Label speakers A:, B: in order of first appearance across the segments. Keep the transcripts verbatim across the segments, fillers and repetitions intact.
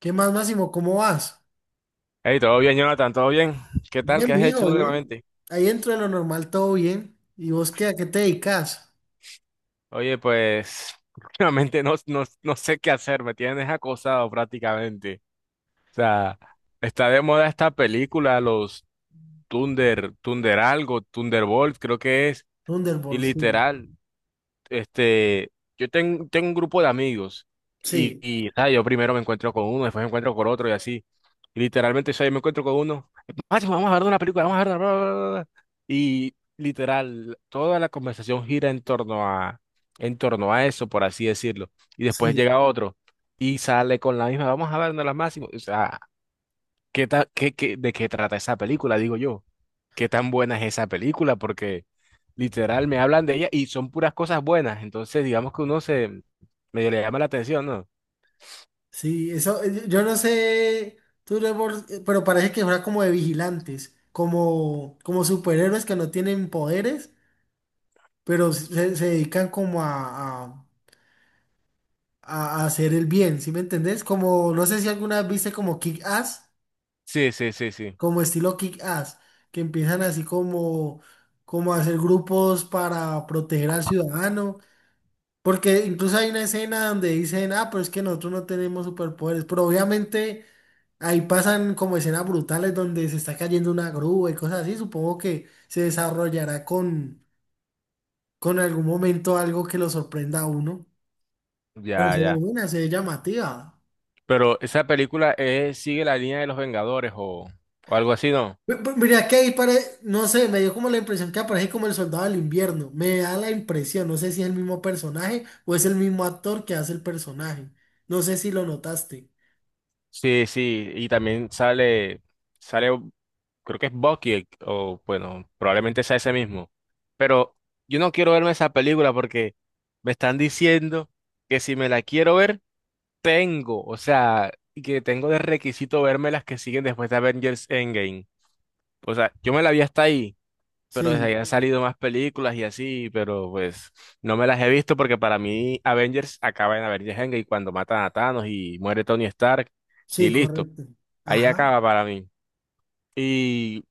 A: ¿Qué más, Máximo? ¿Cómo vas?
B: Hey, todo bien, Jonathan, todo bien. ¿Qué tal?
A: Bien,
B: ¿Qué has
A: mijo,
B: hecho
A: bien.
B: últimamente?
A: Ahí dentro de lo normal, todo bien. ¿Y vos qué, a qué te dedicas?
B: Oye, pues últimamente no, no, no sé qué hacer, me tienes acosado prácticamente. O sea, está de moda esta película, los Thunder, Thunder algo, Thunderbolt, creo que es. Y
A: Thunderbolt, sí.
B: literal, este, yo ten- tengo un grupo de amigos y,
A: Sí,
B: y, ¿sabes? Yo primero me encuentro con uno, después me encuentro con otro y así. Y literalmente, ¿sabes? Yo me encuentro con uno, "Macho, vamos a ver una película, vamos a ver una bla, bla, bla, bla". Y literal, toda la conversación gira en torno a, en torno a eso, por así decirlo. Y después
A: sí,
B: llega otro y sale con la misma, vamos a ver una de las más. O sea, ¿Qué ta- qué- qué- de qué trata esa película? Digo yo, ¿qué tan buena es esa película? Porque literal me hablan de ella y son puras cosas buenas, entonces digamos que uno se medio le llama la atención, ¿no?
A: sí. Eso, eh, yo no sé, Thunderbolt, eh, pero parece que fuera como de vigilantes, como, como superhéroes que no tienen poderes, pero se, se dedican como a, a- a hacer el bien, ¿sí me entendés? Como, no sé si alguna vez viste como Kick-Ass.
B: Sí, sí, sí, sí,
A: Como estilo Kick-Ass, que empiezan así como, como a hacer grupos para proteger al ciudadano, porque incluso hay una escena donde dicen, ah, pero es que nosotros no tenemos superpoderes, pero obviamente ahí pasan como escenas brutales donde se está cayendo una grúa y cosas así, supongo que se desarrollará con, con algún momento algo que lo sorprenda a uno, pero
B: ya,
A: se ve
B: ya.
A: buena, se ve llamativa.
B: Pero esa película eh, sigue la línea de los Vengadores o, o algo así, ¿no?
A: Mi- mi- Mira que ahí pare, no sé, me dio como la impresión que aparece como el soldado del invierno. Me da la impresión, no sé si es el mismo personaje o es el mismo actor que hace el personaje. No sé si lo notaste.
B: Sí, sí, y también sale, sale, creo que es Bucky, el- o bueno, probablemente sea ese mismo. Pero yo no quiero verme esa película porque me están diciendo que si me la quiero ver, tengo, o sea, que tengo de requisito verme las que siguen después de Avengers Endgame. O sea, yo me la vi hasta ahí, pero desde ahí
A: Sí,
B: han salido más películas y así, pero pues no me las he visto porque para mí Avengers acaba en Avengers Endgame cuando matan a Thanos y muere Tony Stark y
A: sí,
B: listo.
A: correcto.
B: Ahí
A: Ajá.
B: acaba para mí. Y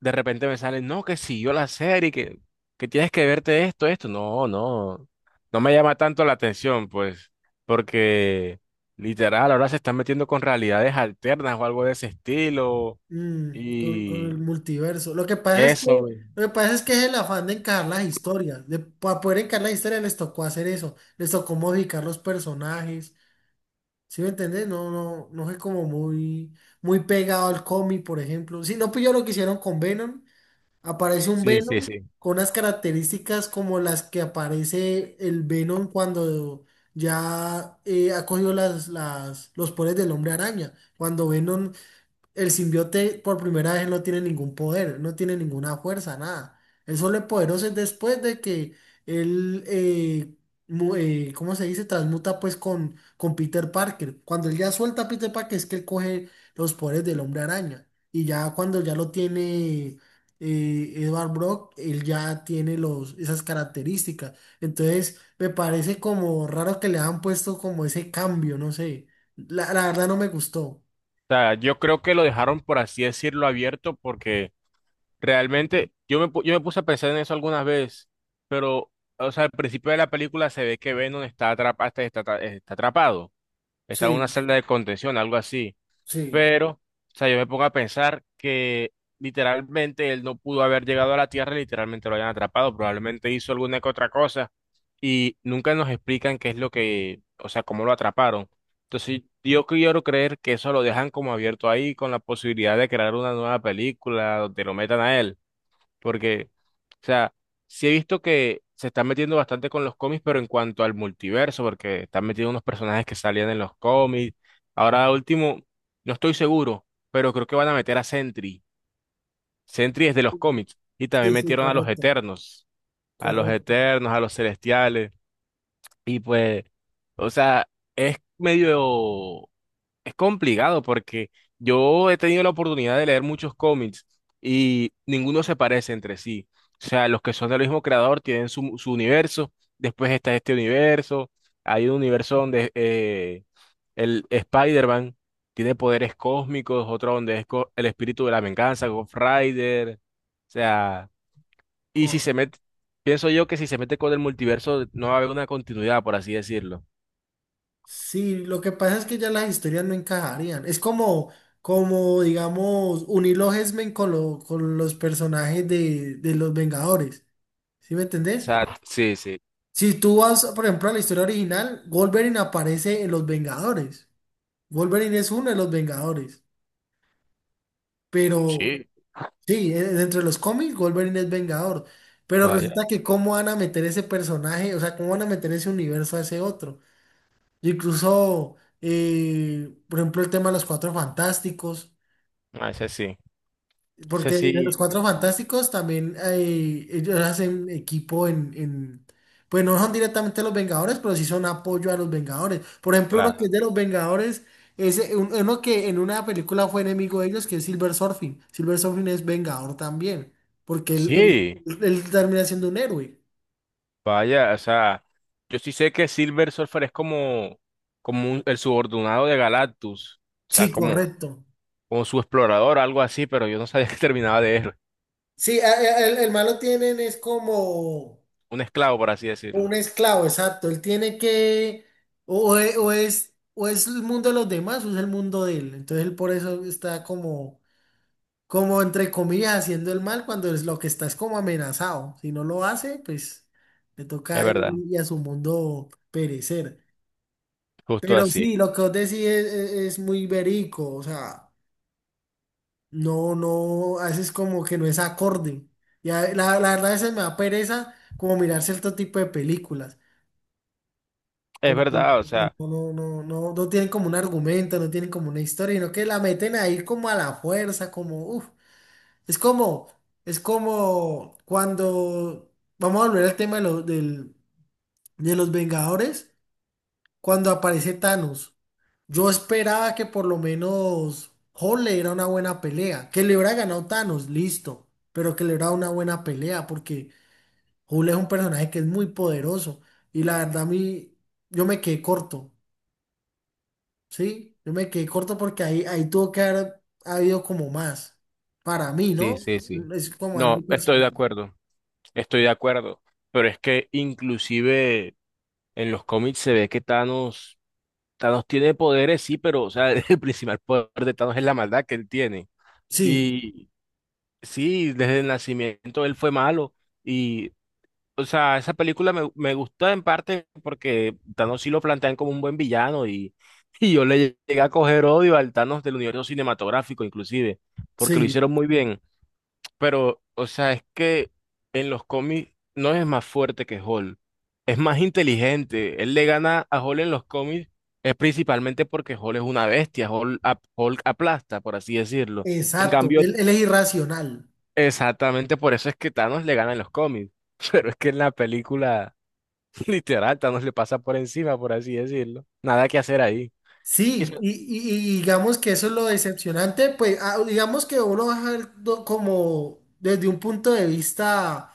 B: de repente me sale, no, que siguió la serie, que, que tienes que verte esto, esto. No, no, no me llama tanto la atención, pues, porque literal, ahora se están metiendo con realidades alternas o algo de ese estilo.
A: Mm, con, con el
B: Y
A: multiverso. Lo que pasa es que,
B: eso,
A: lo que pasa es que es el afán de encajar las historias. De, para poder encajar las historias les tocó hacer eso. Les tocó modificar los personajes. ¿Sí me entendés? No, no, no fue como muy, muy pegado al cómic, por ejemplo. Si no pilló lo que hicieron con Venom. Aparece un
B: sí, sí,
A: Venom
B: sí.
A: con unas características como las que aparece el Venom cuando ya eh, ha cogido las, las, los poderes del hombre araña. Cuando Venom el simbiote por primera vez no tiene ningún poder, no tiene ninguna fuerza, nada. Él solo es poderoso es después de que él, eh, mu- eh, ¿cómo se dice? Transmuta pues con, con Peter Parker. Cuando él ya suelta a Peter Parker es que él coge los poderes del hombre araña. Y ya cuando ya lo tiene eh, Edward Brock, él ya tiene los, esas características. Entonces me parece como raro que le han puesto como ese cambio, no sé. La, la verdad no me gustó.
B: O sea, yo creo que lo dejaron, por así decirlo, abierto porque... Realmente, yo me, pu- yo me puse a pensar en eso algunas veces, pero, o sea, al principio de la película se ve que Venom está atrapado, está, está atra- eh, está atrapado, está en una
A: Sí,
B: celda de contención, algo así.
A: sí.
B: Pero, o sea, yo me pongo a pensar que literalmente él no pudo haber llegado a la Tierra, literalmente lo hayan atrapado, probablemente hizo alguna que otra cosa y nunca nos explican qué es lo que, o sea, cómo lo atraparon. Entonces, yo quiero creer que eso lo dejan como abierto ahí con la posibilidad de crear una nueva película donde lo metan a él. Porque, o sea, sí he visto que se están metiendo bastante con los cómics, pero en cuanto al multiverso, porque están metiendo unos personajes que salían en los cómics. Ahora último, no estoy seguro, pero creo que van a meter a Sentry. Sentry es de los cómics. Y también
A: Sí, sí,
B: metieron a los
A: correcto,
B: Eternos, a los
A: correcto,
B: Eternos, a los Celestiales. Y pues, o sea, es medio es complicado porque yo he tenido la oportunidad de leer muchos cómics y ninguno se parece entre sí. O sea, los que son del mismo creador tienen su, su universo, después está este universo, hay un universo donde eh, el Spider-Man tiene poderes cósmicos, otro donde es co- el espíritu de la venganza, Ghost Rider. O sea, y si se
A: correcto.
B: mete, pienso yo que si se mete con el multiverso no va a haber una continuidad, por así decirlo. O
A: Sí, lo que pasa es que ya las historias no encajarían. Es como, como digamos, unir los X-Men con, lo- con los personajes de, de los Vengadores. ¿Sí me entendés?
B: sea, sí, sí.
A: Si tú vas, por ejemplo, a la historia original, Wolverine aparece en los Vengadores. Wolverine es uno de los Vengadores. Pero
B: Sí.
A: sí, e- entre los cómics, Wolverine es Vengador. Pero resulta
B: Vaya,
A: que cómo van a meter ese personaje, o sea, cómo van a meter ese universo a ese otro. Y incluso, eh, por ejemplo, el tema de los Cuatro Fantásticos,
B: a ese sí. Sé
A: porque de los
B: si
A: Cuatro Fantásticos también eh, ellos hacen equipo en, en- Pues no son directamente los Vengadores, pero sí son apoyo a los Vengadores. Por ejemplo, uno que es
B: la...
A: de los Vengadores, es eh, un- uno que en una película fue enemigo de ellos, que es Silver Surfing. Silver Surfing es Vengador también, porque él, él,
B: Sí,
A: él termina siendo un héroe.
B: vaya, o sea, yo sí sé que Silver Surfer es como, como un- el subordinado de Galactus, o sea,
A: Sí,
B: como,
A: correcto.
B: como su explorador, algo así, pero yo no sabía que terminaba de héroe,
A: Sí, a- a- el, el malo tienen es como...
B: un esclavo, por así decirlo.
A: Un esclavo, exacto. Él tiene que, o, o e- o es, o es el mundo de los demás o es el mundo de él. Entonces él por eso está como, como entre comillas haciendo el mal cuando es lo que está es como amenazado. Si no lo hace, pues le toca
B: Es
A: a él
B: verdad,
A: y a su mundo perecer.
B: justo
A: Pero
B: así.
A: sí, lo que vos decís es, es- es muy verico, o sea, no, no, haces como que no es acorde. Ya, la, la verdad a veces me da pereza como mirar cierto tipo de películas.
B: Es
A: Porque
B: verdad, o sea,
A: no, no, no, no, no tienen como un argumento, no tienen como una historia, sino que la meten ahí como a la fuerza, como, uff, es como, es como cuando, vamos a volver al tema de, lo- del- de los Vengadores, cuando aparece Thanos. Yo esperaba que por lo menos Hulk le diera una buena pelea, que le hubiera ganado Thanos, listo, pero que le hubiera dado una buena pelea, porque Hulk es un personaje que es muy poderoso, y la verdad a mí, yo me quedé corto. Sí, yo me quedé corto porque ahí, ahí tuvo que haber habido como más. Para mí,
B: sí,
A: ¿no?
B: sí, sí.
A: Mm, es como
B: No,
A: algo
B: estoy de
A: personal.
B: acuerdo, estoy de acuerdo, pero es que inclusive en los cómics se ve que Thanos, Thanos tiene poderes, sí, pero, o sea, el principal poder de Thanos es la maldad que él tiene.
A: Sí,
B: Y sí, desde el nacimiento él fue malo. Y, o sea, esa película me, me gustó en parte porque Thanos sí lo plantean como un buen villano y, y yo le llegué a coger odio al Thanos del universo cinematográfico, inclusive, porque lo
A: sí,
B: hicieron muy bien. Pero, o sea, es que en los cómics no es más fuerte que Hulk, es más inteligente. Él le gana a Hulk en los cómics, es principalmente porque Hulk es una bestia, Hulk, ap- Hulk aplasta, por así decirlo. En
A: exacto.
B: cambio,
A: Él, él es irracional.
B: exactamente por eso es que Thanos le gana en los cómics. Pero es que en la película, literal, Thanos le pasa por encima, por así decirlo. Nada que hacer ahí. Y
A: Sí,
B: eso...
A: y, y- y digamos que eso es lo decepcionante, pues ah, digamos que uno va a ver do- como desde un punto de vista.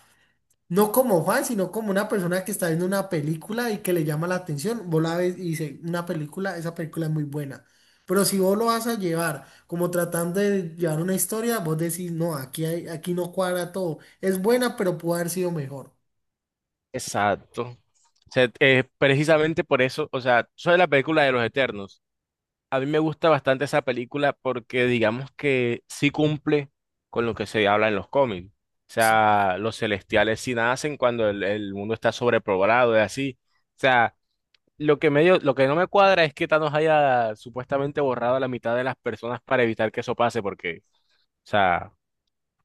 A: No como Juan, sino como una persona que está viendo una película y que le llama la atención. Vos la ves y dice, una película, esa película es muy buena. Pero si vos lo vas a llevar como tratando de llevar una historia, vos decís, no, aquí hay, aquí no cuadra todo. Es buena, pero pudo haber sido mejor.
B: Exacto. O sea, eh, precisamente por eso, o sea, sobre la película de los Eternos, a mí me gusta bastante esa película porque digamos que sí cumple con lo que se habla en los cómics. O
A: Sí.
B: sea, los celestiales sí nacen cuando el, el mundo está sobrepoblado y así. O sea, lo que medio, lo que no me cuadra es que Thanos haya supuestamente borrado a la mitad de las personas para evitar que eso pase, porque, o sea,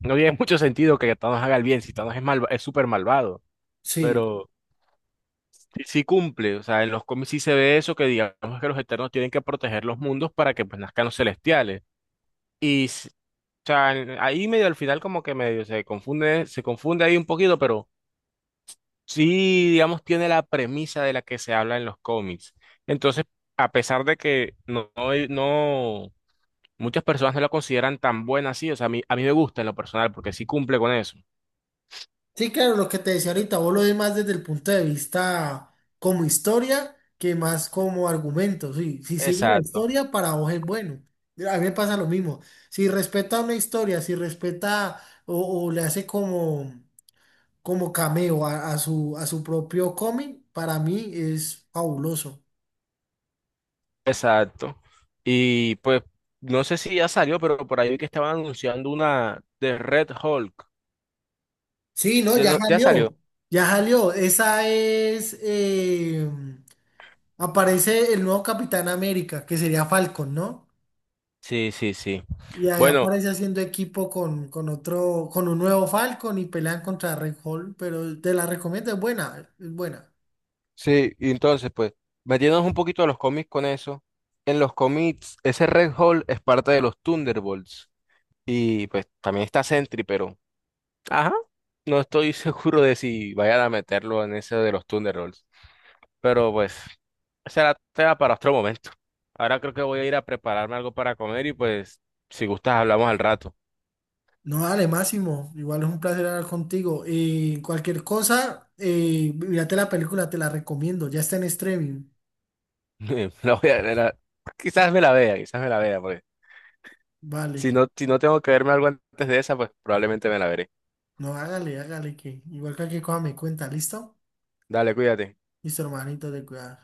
B: no tiene mucho sentido que Thanos haga el bien si Thanos es mal, es súper malvado,
A: Sí.
B: pero sí, sí cumple, o sea, en los cómics sí se ve eso que digamos que los Eternos tienen que proteger los mundos para que pues nazcan los celestiales. Y, s- o sea, en- ahí medio al final como que medio se confunde, se confunde ahí un poquito, pero sí, digamos, tiene la premisa de la que se habla en los cómics. Entonces, a pesar de que no, no, no- muchas personas no la consideran tan buena así, o sea, a mí, a mí me gusta en lo personal porque sí cumple con eso.
A: Sí, claro, lo que te decía ahorita, vos lo ves más desde el punto de vista como historia que más como argumento. Sí, si sigue la
B: Exacto,
A: historia, para vos es bueno. A mí me pasa lo mismo. Si respeta una historia, si respeta o, o le hace como, como cameo a, a su, a su propio cómic, para mí es fabuloso.
B: exacto. Y pues, no sé si ya salió, pero por ahí vi que estaban anunciando una de Red Hulk.
A: Sí, no,
B: ¿Ya,
A: ya
B: no- ya
A: salió.
B: salió?
A: Ya salió. Esa es. Eh, aparece el nuevo Capitán América, que sería Falcon, ¿no?
B: Sí, sí, sí.
A: Y ahí
B: Bueno,
A: aparece haciendo equipo con, con otro, con un nuevo Falcon y pelean contra Red Hall, pero te la recomiendo, es buena, es buena.
B: sí, y entonces, pues, metiéndonos un poquito a los cómics con eso. En los cómics, ese Red Hulk es parte de los Thunderbolts. Y pues también está Sentry, pero ajá, no estoy seguro de si vayan a meterlo en ese de los Thunderbolts. Pero pues, será tema para otro momento. Ahora creo que voy a ir a prepararme algo para comer y pues, si gustas, hablamos al rato.
A: No, dale, Máximo, igual es un placer hablar contigo. Y cualquier cosa, eh, mírate la película, te la recomiendo, ya está en streaming.
B: La voy a, la- quizás me la vea, quizás me la vea, porque si
A: Vale,
B: no, si no tengo que verme algo antes de esa, pues probablemente me la veré.
A: no, hágale, hágale, que igual cualquier cosa me cuenta, ¿listo?
B: Dale, cuídate.
A: Listo, hermanito, de cuidar.